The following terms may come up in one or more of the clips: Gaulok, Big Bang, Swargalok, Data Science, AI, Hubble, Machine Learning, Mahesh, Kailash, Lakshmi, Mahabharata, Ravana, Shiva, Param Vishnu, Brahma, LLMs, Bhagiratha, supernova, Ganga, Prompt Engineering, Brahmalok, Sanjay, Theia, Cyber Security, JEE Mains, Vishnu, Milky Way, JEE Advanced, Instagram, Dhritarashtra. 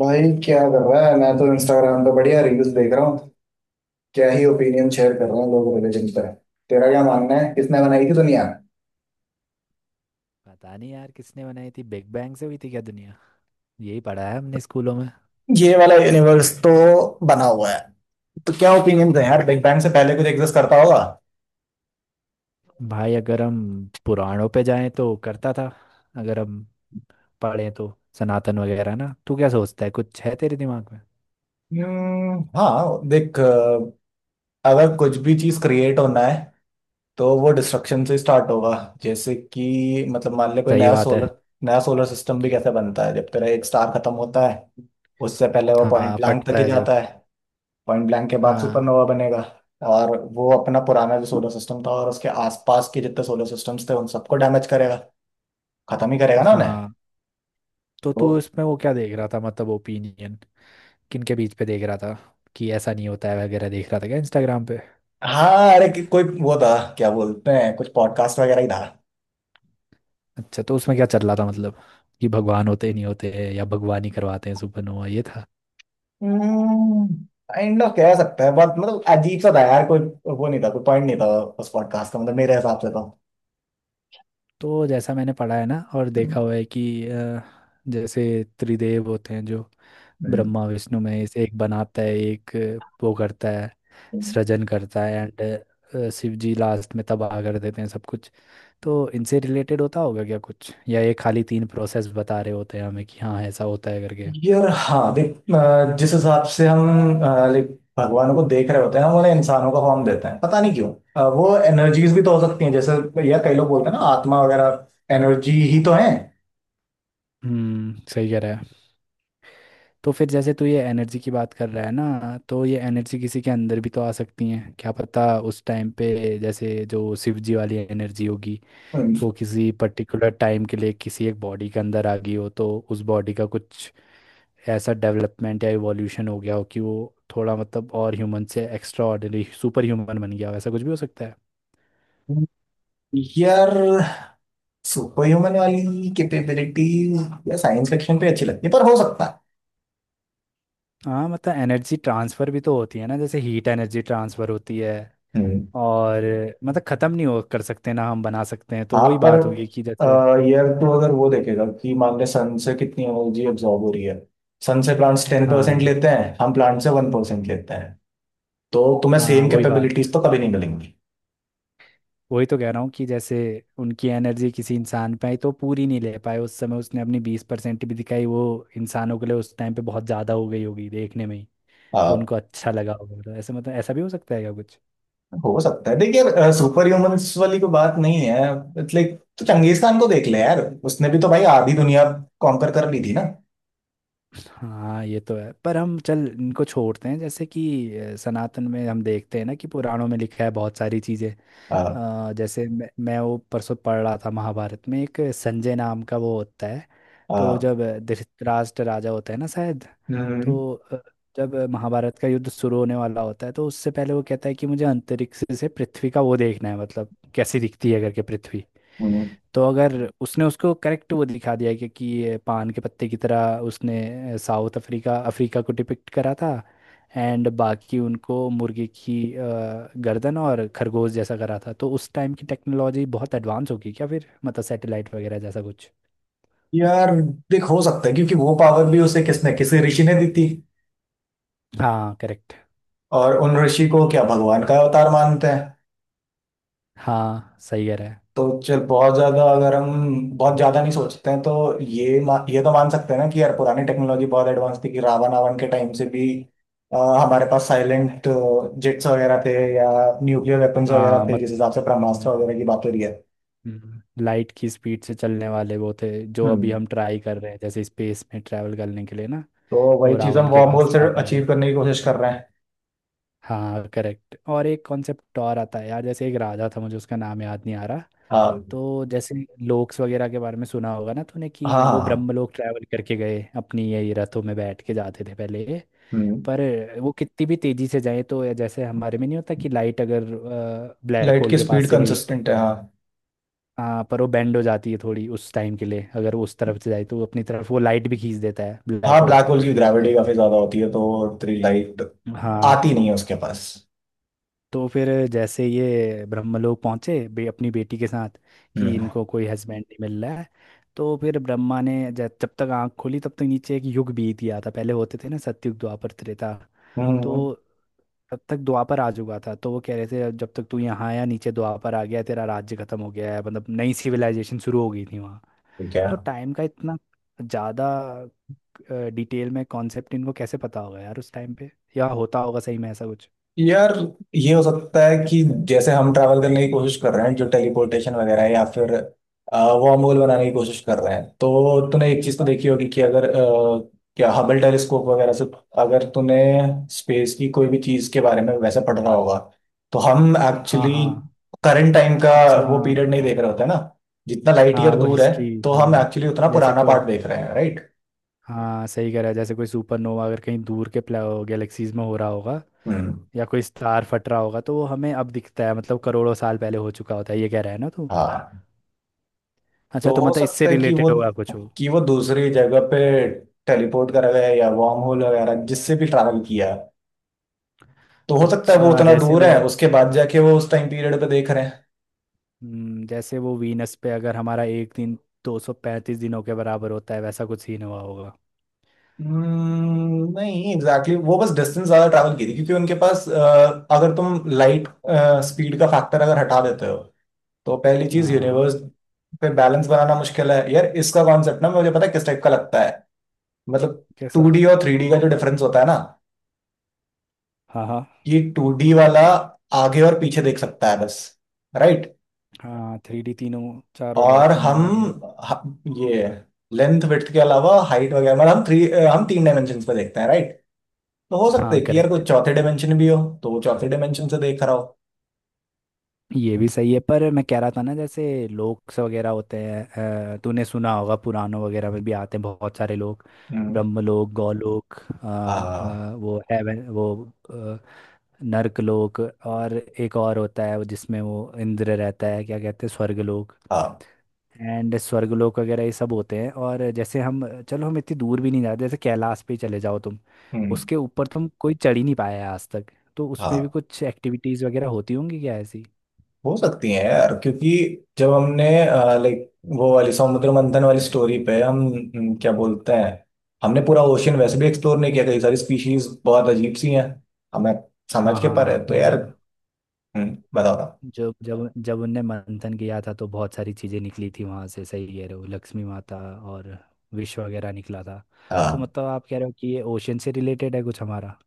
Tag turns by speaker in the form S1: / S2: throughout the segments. S1: भाई क्या कर रहा है? मैं तो इंस्टाग्राम पे बढ़िया रील्स देख रहा हूँ। क्या ही ओपिनियन
S2: बस
S1: शेयर कर रहे हैं
S2: भाई।
S1: लोग रिलीजन पे। तेरा क्या मानना है,
S2: मैं
S1: किसने
S2: तो
S1: बनाई थी दुनिया?
S2: पता नहीं यार, किसने बनाई थी, बिग बैंग से हुई थी क्या दुनिया। यही पढ़ा है हमने स्कूलों में।
S1: ये वाला यूनिवर्स तो बना हुआ है। तो क्या ओपिनियन है यार, बिग बैंग से पहले कुछ एग्जिस्ट करता होगा?
S2: भाई अगर हम पुराणों पे जाएं तो करता था। अगर हम पढ़ें तो सनातन वगैरह ना, तू क्या सोचता है, कुछ है तेरे दिमाग में।
S1: हाँ देख, अगर कुछ भी चीज क्रिएट होना है तो वो डिस्ट्रक्शन से स्टार्ट होगा। जैसे कि मतलब मान ले कोई
S2: सही बात है।
S1: नया सोलर सिस्टम भी कैसे बनता है? जब तेरा एक स्टार खत्म होता है, उससे पहले वो पॉइंट
S2: हाँ
S1: ब्लैंक तक
S2: फटता
S1: ही
S2: है जब।
S1: जाता है। पॉइंट ब्लैंक के बाद
S2: हाँ
S1: सुपरनोवा बनेगा। और वो अपना पुराना जो सोलर सिस्टम था और उसके आसपास के जितने सोलर सिस्टम्स थे उन सबको डैमेज करेगा, खत्म ही करेगा ना उन्हें।
S2: हाँ। तो
S1: तो
S2: तू इसमें वो क्या देख रहा था मतलब, ओपिनियन किनके बीच पे देख रहा था। कि ऐसा नहीं होता है वगैरह देख रहा था क्या इंस्टाग्राम पे।
S1: हाँ, कोई वो था, क्या बोलते हैं, कुछ पॉडकास्ट वगैरह ही था।
S2: अच्छा तो उसमें क्या चल रहा था मतलब, कि भगवान होते ही नहीं होते हैं या भगवान ही करवाते हैं सुपरनोवा ये था।
S1: काइंड ऑफ कह सकते हैं, बहुत मतलब अजीब सा था यार कोई। वो नहीं था, कोई पॉइंट नहीं था उस पॉडकास्ट का, मतलब मेरे हिसाब से तो।
S2: तो जैसा मैंने पढ़ा है ना और
S1: हम्म।
S2: देखा हुआ है कि जैसे त्रिदेव होते हैं जो ब्रह्मा विष्णु महेश, एक बनाता है, एक वो करता है,
S1: हम्म।
S2: सृजन करता है। एंड शिव जी लास्ट में तबाह कर देते हैं सब कुछ। तो इनसे रिलेटेड होता होगा क्या कुछ, या ये खाली तीन प्रोसेस बता रहे होते हैं हमें कि हाँ ऐसा होता है करके।
S1: यार हाँ देख, जिस हिसाब से हम लाइक भगवानों को देख रहे होते हैं, हम उन्हें इंसानों का फॉर्म देते हैं, पता नहीं क्यों। वो एनर्जीज भी तो हो सकती हैं। जैसे यार कई लोग बोलते हैं ना, आत्मा वगैरह एनर्जी ही तो है।
S2: सही कह रहा है। तो फिर जैसे तू ये एनर्जी की बात कर रहा है ना, तो ये एनर्जी किसी के अंदर भी तो आ सकती है क्या पता उस टाइम पे। जैसे जो शिव जी वाली एनर्जी होगी
S1: हम्म।
S2: वो किसी पर्टिकुलर टाइम के लिए किसी एक बॉडी के अंदर आ गई हो, तो उस बॉडी का कुछ ऐसा डेवलपमेंट या इवोल्यूशन हो गया हो कि वो थोड़ा मतलब और ह्यूमन से एक्स्ट्रा ऑर्डिनरी सुपर ह्यूमन बन गया हो, ऐसा कुछ भी हो सकता है।
S1: यार सुपर ह्यूमन वाली कैपेबिलिटीज या साइंस फिक्शन पे अच्छी लगती है, पर हो सकता है।
S2: हाँ मतलब एनर्जी ट्रांसफ़र भी तो होती है ना, जैसे हीट एनर्जी ट्रांसफ़र होती है
S1: हम्म।
S2: और मतलब ख़त्म नहीं हो कर सकते ना, हम बना सकते हैं, तो
S1: हाँ
S2: वही
S1: पर
S2: बात होगी कि
S1: अ,
S2: जैसे।
S1: यार तो अगर वो देखेगा कि मान ले सन से कितनी एनर्जी एब्जॉर्ब हो रही है, सन से प्लांट्स 10%
S2: हाँ
S1: लेते हैं, हम प्लांट से 1% लेते हैं, तो तुम्हें
S2: हाँ
S1: सेम
S2: वही बात।
S1: कैपेबिलिटीज तो कभी नहीं मिलेंगी।
S2: वही तो कह रहा हूँ कि जैसे उनकी एनर्जी किसी इंसान पे आई तो पूरी नहीं ले पाए उस समय, उसने अपनी 20% भी दिखाई वो इंसानों के लिए उस टाइम पे बहुत ज़्यादा हो गई होगी देखने में ही। तो
S1: हाँ,
S2: उनको अच्छा लगा होगा, तो ऐसे मतलब ऐसा भी हो सकता है क्या कुछ।
S1: हो सकता है देखिए, सुपर ह्यूमंस वाली कोई बात नहीं है। लाइक तो चंगेज खान को देख ले यार, उसने भी तो भाई आधी दुनिया कॉन्कर कर ली थी ना।
S2: हाँ ये तो है पर हम चल इनको छोड़ते हैं, जैसे कि सनातन में हम देखते हैं ना कि पुराणों में लिखा है बहुत सारी चीज़ें।
S1: आ,
S2: जैसे मैं वो परसों पढ़ रहा था, महाभारत में एक संजय नाम का वो होता है। तो
S1: आ,
S2: जब धृतराष्ट्र राजा होता है ना शायद।
S1: हम्म,
S2: तो जब महाभारत का युद्ध शुरू होने वाला होता है तो उससे पहले वो कहता है कि मुझे अंतरिक्ष से पृथ्वी का वो देखना है मतलब कैसी दिखती है करके पृथ्वी।
S1: हम्म।
S2: तो अगर उसने उसको करेक्ट वो दिखा दिया कि ये पान के पत्ते की तरह उसने साउथ अफ्रीका अफ्रीका को डिपिक्ट करा था। एंड बाकी उनको मुर्गी की गर्दन और खरगोश जैसा करा था, तो उस टाइम की टेक्नोलॉजी बहुत एडवांस होगी क्या फिर मतलब सैटेलाइट वगैरह जैसा कुछ।
S1: यार देख, हो सकता है, क्योंकि वो पावर भी उसे किसने किसी ऋषि ने दी थी।
S2: हाँ करेक्ट।
S1: और उन ऋषि को क्या भगवान का अवतार मानते हैं।
S2: हाँ सही कह रहा है।
S1: तो चल, बहुत ज्यादा नहीं सोचते हैं तो ये ये तो मान सकते हैं ना कि यार पुरानी टेक्नोलॉजी बहुत एडवांस थी, कि रावण आवन के टाइम से भी हमारे पास साइलेंट जेट्स वगैरह थे, या न्यूक्लियर वेपन्स वगैरह
S2: हाँ,
S1: थे, जिस
S2: मत
S1: हिसाब से ब्रह्मास्त्र वगैरह की बात हो रही है।
S2: लाइट की स्पीड से चलने वाले वो थे जो अभी
S1: हम्म।
S2: हम ट्राई कर रहे हैं जैसे स्पेस में ट्रैवल करने के लिए ना।
S1: तो
S2: वो
S1: वही चीज हम
S2: रावण के
S1: वॉर्म होल
S2: पास
S1: से
S2: था पहले।
S1: अचीव करने की कोशिश कर रहे हैं।
S2: हाँ करेक्ट, और एक कॉन्सेप्ट और आता है यार, जैसे एक राजा था मुझे उसका नाम याद नहीं आ रहा।
S1: हाँ
S2: तो जैसे लोक्स वगैरह के बारे में सुना होगा ना तूने,
S1: हाँ
S2: कि वो
S1: हाँ हाँ,
S2: ब्रह्मलोक ट्रैवल करके गए अपनी यही रथों में बैठ के जाते थे पहले ये।
S1: हम्म।
S2: पर वो कितनी भी तेजी से जाए तो ये जैसे हमारे में नहीं होता कि लाइट अगर ब्लैक
S1: लाइट
S2: होल
S1: की
S2: के पास
S1: स्पीड
S2: से गई तो।
S1: कंसिस्टेंट है, हाँ।
S2: हाँ पर वो बेंड हो जाती है थोड़ी उस टाइम के लिए, अगर वो उस तरफ से जाए तो वो अपनी तरफ वो लाइट भी खींच देता है
S1: हाँ,
S2: ब्लैक होल।
S1: ब्लैक होल की ग्रेविटी
S2: ऐसा।
S1: काफी ज्यादा होती है, तो तेरी लाइट आती
S2: हाँ।
S1: नहीं है उसके पास।
S2: तो फिर जैसे ये ब्रह्मलोक पहुंचे अपनी बेटी के साथ कि
S1: हम्म।
S2: इनको कोई हस्बैंड नहीं मिल रहा है। तो फिर ब्रह्मा ने जब तक आंख खोली तब तक नीचे एक युग बीत गया था, पहले होते थे ना सतयुग द्वापर त्रेता।
S1: हम्म।
S2: तो तब तक द्वापर आ चुका था, तो वो कह रहे थे "अब जब तक तू यहाँ आया नीचे द्वापर आ गया है, तेरा राज्य खत्म हो गया है", मतलब नई सिविलाइजेशन शुरू हो गई थी वहाँ।
S1: ठीक है।
S2: तो टाइम का इतना ज़्यादा डिटेल में कॉन्सेप्ट इनको कैसे पता होगा यार उस टाइम पे, या होता होगा सही में ऐसा कुछ।
S1: यार ये हो सकता है कि जैसे हम ट्रैवल करने की कोशिश कर रहे हैं, जो टेलीपोर्टेशन वगैरह है, या फिर वॉर्म होल बनाने की कोशिश कर रहे हैं, तो तूने एक चीज तो देखी होगी कि अगर क्या हबल टेलीस्कोप वगैरह से अगर तूने स्पेस की कोई भी चीज के बारे में वैसे पढ़ रहा होगा, तो हम
S2: हाँ
S1: एक्चुअली
S2: हाँ।
S1: करंट टाइम का
S2: अच्छा
S1: वो
S2: हाँ।
S1: पीरियड नहीं देख रहे होते ना, जितना लाइट
S2: हाँ
S1: ईयर
S2: वो
S1: दूर है
S2: हिस्ट्री।
S1: तो हम
S2: हाँ।
S1: एक्चुअली उतना
S2: जैसे
S1: पुराना
S2: को
S1: पार्ट देख रहे हैं, राइट।
S2: हाँ सही कह रहा है, जैसे कोई सुपरनोवा अगर कहीं दूर के गैलेक्सीज में हो रहा होगा
S1: हम्म।
S2: या कोई स्टार फट रहा होगा, तो वो हमें अब दिखता है मतलब करोड़ों साल पहले हो चुका होता है ये कह रहा है ना तू।
S1: हाँ,
S2: अच्छा
S1: तो
S2: तो
S1: हो
S2: मतलब इससे
S1: सकता है कि
S2: रिलेटेड होगा कुछ हो।
S1: वो दूसरी जगह पे टेलीपोर्ट करा गया है, या वॉर्म होल वगैरह जिससे भी ट्रैवल किया है, तो हो सकता है वो
S2: अच्छा
S1: उतना
S2: जैसे
S1: दूर
S2: वो,
S1: है, उसके बाद जाके वो उस टाइम पीरियड पे देख रहे हैं।
S2: जैसे वो वीनस पे अगर हमारा एक दिन 235 दिनों के बराबर होता है वैसा कुछ सीन हुआ होगा।
S1: Hmm, नहीं एग्जैक्टली exactly। वो बस डिस्टेंस ज्यादा ट्रैवल की थी, क्योंकि उनके पास अगर तुम लाइट स्पीड का फैक्टर अगर हटा देते हो, तो पहली चीज
S2: हाँ हाँ।
S1: यूनिवर्स पे बैलेंस बनाना मुश्किल है यार। इसका कॉन्सेप्ट ना, मुझे पता है किस टाइप का लगता है, मतलब
S2: कैसा।
S1: टू डी और थ्री डी का जो डिफरेंस होता है ना,
S2: हाँ हाँ।
S1: ये टू डी वाला आगे और पीछे देख सकता है बस, राइट।
S2: हाँ थ्री डी तीनों चारों
S1: और
S2: डायरेक्शन में आगे।
S1: ये लेंथ विड्थ के अलावा हाइट वगैरह, मतलब हम तीन डायमेंशन पे देखते हैं, राइट। तो हो सकता है
S2: हाँ
S1: कि यार कोई
S2: करेक्ट।
S1: चौथे डायमेंशन भी हो, तो वो चौथे डायमेंशन से देख रहा हो।
S2: ये भी सही है पर मैं कह रहा था ना जैसे लोक्स वगैरह होते हैं तूने सुना होगा पुराणों वगैरह में भी आते हैं बहुत सारे लोग।
S1: हम्म।
S2: ब्रह्मलोक गौलोक,
S1: हाँ
S2: वो हेवन वो अ, नर्क लोक, और एक और होता है वो जिसमें वो इंद्र रहता है क्या कहते हैं स्वर्गलोक।
S1: हाँ।
S2: एंड स्वर्गलोक वगैरह ये सब होते हैं, और जैसे हम चलो हम इतनी दूर भी नहीं जाते, जैसे कैलाश पे ही चले जाओ तुम।
S1: हम्म।
S2: उसके ऊपर तुम कोई चढ़ ही नहीं पाया है आज तक। तो उसमें भी
S1: हाँ,
S2: कुछ एक्टिविटीज़ वगैरह होती होंगी क्या ऐसी।
S1: हो सकती है यार, क्योंकि जब हमने लाइक वो वाली समुद्र मंथन वाली स्टोरी पे, हम क्या बोलते हैं, हमने पूरा ओशियन वैसे भी एक्सप्लोर नहीं किया, कई सारी स्पीशीज बहुत अजीब सी हैं, हमें समझ
S2: हाँ
S1: के पर
S2: हाँ
S1: है तो
S2: वो
S1: यार।
S2: जब
S1: बताओ ना।
S2: जब उनने मंथन किया था तो बहुत सारी चीज़ें निकली थी वहाँ से, सही कह रहे हो, लक्ष्मी माता और विष वगैरह निकला था। तो
S1: हाँ
S2: मतलब आप कह रहे हो कि ये ओशन से रिलेटेड है कुछ हमारा,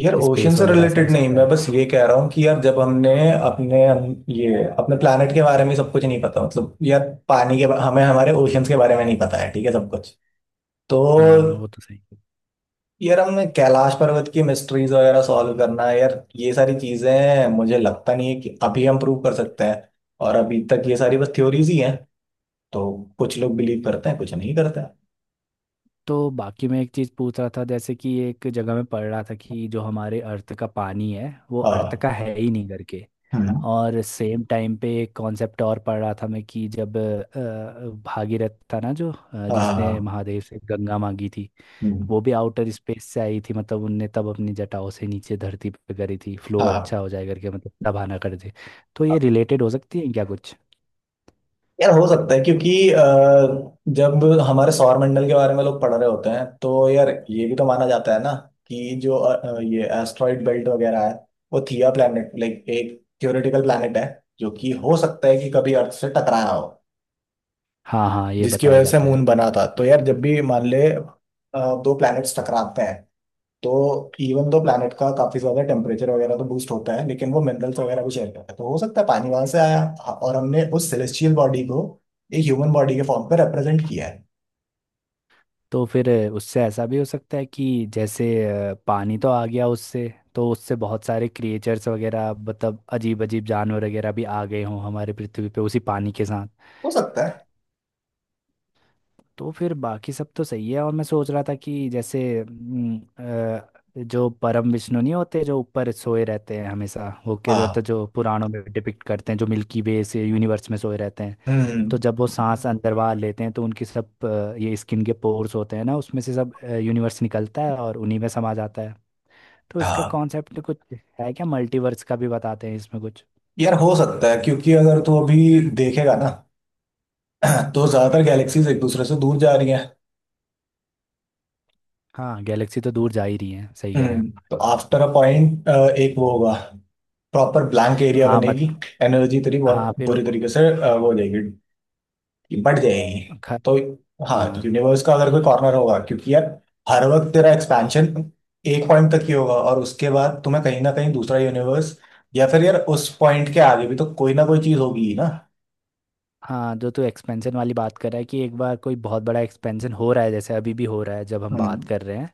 S1: यार, ओशियन
S2: स्पेस
S1: से
S2: वगैरह ऐसा हो
S1: रिलेटेड नहीं,
S2: सकता
S1: मैं
S2: है।
S1: बस ये कह रहा हूँ कि यार जब हमने अपने ये अपने प्लानट के बारे में सब कुछ नहीं पता, मतलब यार हमें हमारे ओशियंस के बारे में नहीं पता है ठीक है, सब कुछ। तो
S2: हाँ वो तो सही है।
S1: यार हमने कैलाश पर्वत की मिस्ट्रीज वगैरह सॉल्व करना है यार। ये सारी चीजें मुझे लगता नहीं है कि अभी हम प्रूव कर सकते हैं, और अभी तक ये सारी बस थ्योरीज ही हैं। तो कुछ लोग बिलीव करते हैं, कुछ नहीं करते हैं।
S2: तो बाकी मैं एक चीज़ पूछ रहा था, जैसे कि एक जगह में पढ़ रहा था कि जो हमारे अर्थ का पानी है वो अर्थ
S1: हाँ,
S2: का है ही नहीं करके।
S1: है ना।
S2: और सेम टाइम पे एक कॉन्सेप्ट और पढ़ रहा था मैं कि जब भागीरथ था ना जो
S1: हाँ
S2: जिसने
S1: हाँ
S2: महादेव से गंगा मांगी थी, वो भी आउटर स्पेस से आई थी मतलब उनने तब अपनी जटाओं से नीचे धरती पे करी थी फ्लो
S1: हाँ।
S2: अच्छा हो जाए करके मतलब तब आना कर दे। तो ये रिलेटेड हो सकती है क्या कुछ।
S1: यार हो सकता है, क्योंकि जब हमारे सौर मंडल के बारे में लोग पढ़ रहे होते हैं, तो यार ये भी तो माना जाता है ना कि जो ये एस्ट्रॉइड बेल्ट वगैरह है, वो थिया प्लैनेट लाइक एक थियोरेटिकल प्लैनेट है, जो कि हो सकता है कि कभी अर्थ से टकराया हो,
S2: हाँ हाँ ये
S1: जिसकी
S2: बताया
S1: वजह से
S2: जाता
S1: मून
S2: है।
S1: बना था। तो यार जब भी मान ले दो प्लैनेट्स टकराते हैं, तो इवन दो प्लैनेट का काफी ज्यादा टेम्परेचर वगैरह तो बूस्ट होता है, लेकिन वो मिनरल्स वगैरह भी शेयर करता है, तो हो सकता है पानी वहां से आया। हाँ, और हमने उस सेलेस्टियल बॉडी को एक ह्यूमन बॉडी के फॉर्म पर रिप्रेजेंट किया है।
S2: तो फिर उससे ऐसा भी हो सकता है कि जैसे पानी तो आ गया उससे, तो उससे बहुत सारे क्रिएचर्स वगैरह मतलब अजीब अजीब जानवर वगैरह भी आ गए हों हमारे पृथ्वी पे उसी पानी के साथ।
S1: हो सकता है।
S2: तो फिर बाकी सब तो सही है, और मैं सोच रहा था कि जैसे जो परम विष्णु नहीं होते जो ऊपर सोए रहते हैं हमेशा होके जो होते
S1: हाँ।
S2: जो पुराणों में डिपिक्ट करते हैं जो मिल्की वे से यूनिवर्स में सोए रहते हैं। तो
S1: हम्म।
S2: जब वो सांस अंदर बाहर लेते हैं तो उनकी सब ये स्किन के पोर्स होते हैं ना उसमें से सब यूनिवर्स निकलता है और उन्हीं में समा जाता है। तो इसका
S1: हाँ
S2: कॉन्सेप्ट कुछ है क्या, मल्टीवर्स का भी बताते हैं इसमें कुछ।
S1: यार हो सकता है, क्योंकि अगर तू अभी देखेगा ना तो ज्यादातर गैलेक्सीज एक दूसरे से दूर जा रही हैं।
S2: हाँ गैलेक्सी तो दूर जा ही रही है सही कह रहे
S1: हम्म,
S2: हैं।
S1: तो आफ्टर अ पॉइंट एक वो होगा, प्रॉपर ब्लैंक एरिया
S2: हाँ मत।
S1: बनेगी, एनर्जी तेरी
S2: हाँ
S1: बहुत
S2: फिर।
S1: बुरी तरीके से वो हो जाएगी, बढ़ जाएगी।
S2: ख-
S1: तो हाँ,
S2: हाँ
S1: यूनिवर्स का अगर कोई कॉर्नर होगा, क्योंकि यार हर वक्त तेरा एक्सपेंशन एक पॉइंट तक ही होगा, और उसके बाद तुम्हें कहीं ना कहीं दूसरा यूनिवर्स, या फिर यार उस पॉइंट के आगे भी तो कोई ना कोई चीज होगी ही ना।
S2: हाँ, जो तू एक्सपेंशन वाली बात कर रहा है कि एक बार कोई बहुत बड़ा एक्सपेंशन हो रहा है जैसे अभी भी हो रहा है जब हम बात
S1: हम्म।
S2: कर रहे हैं।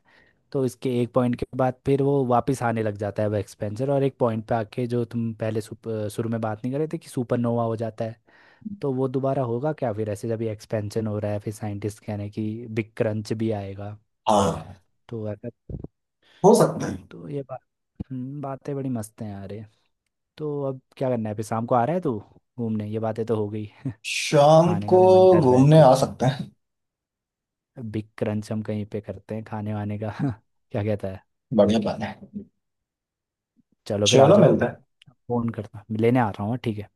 S2: तो इसके एक पॉइंट के बाद फिर वो वापस आने लग जाता है वो एक्सपेंशन, और एक पॉइंट पे आके जो तुम पहले शुरू में बात नहीं कर रहे थे कि सुपरनोवा हो जाता है। तो वो दोबारा होगा क्या फिर ऐसे, जब ये एक्सपेंशन हो रहा है फिर साइंटिस्ट कह रहे हैं कि बिग क्रंच भी आएगा।
S1: हाँ,
S2: तो ऐसा।
S1: हो सकता है।
S2: तो ये बात। बातें बड़ी मस्त हैं यार ये। तो अब क्या करना है फिर, शाम को आ रहा है तू घूमने, ये बातें तो हो गई।
S1: शाम
S2: खाने
S1: को
S2: का भी मन कर रहा है
S1: घूमने आ
S2: कुछ।
S1: सकते हैं।
S2: बिग क्रंच हम कहीं पे करते हैं खाने वाने का क्या कहता है।
S1: बढ़िया प्लान है।
S2: चलो फिर आ
S1: चलो
S2: जाओ।
S1: मिलते हैं।
S2: फोन करता लेने आ रहा हूँ ठीक है।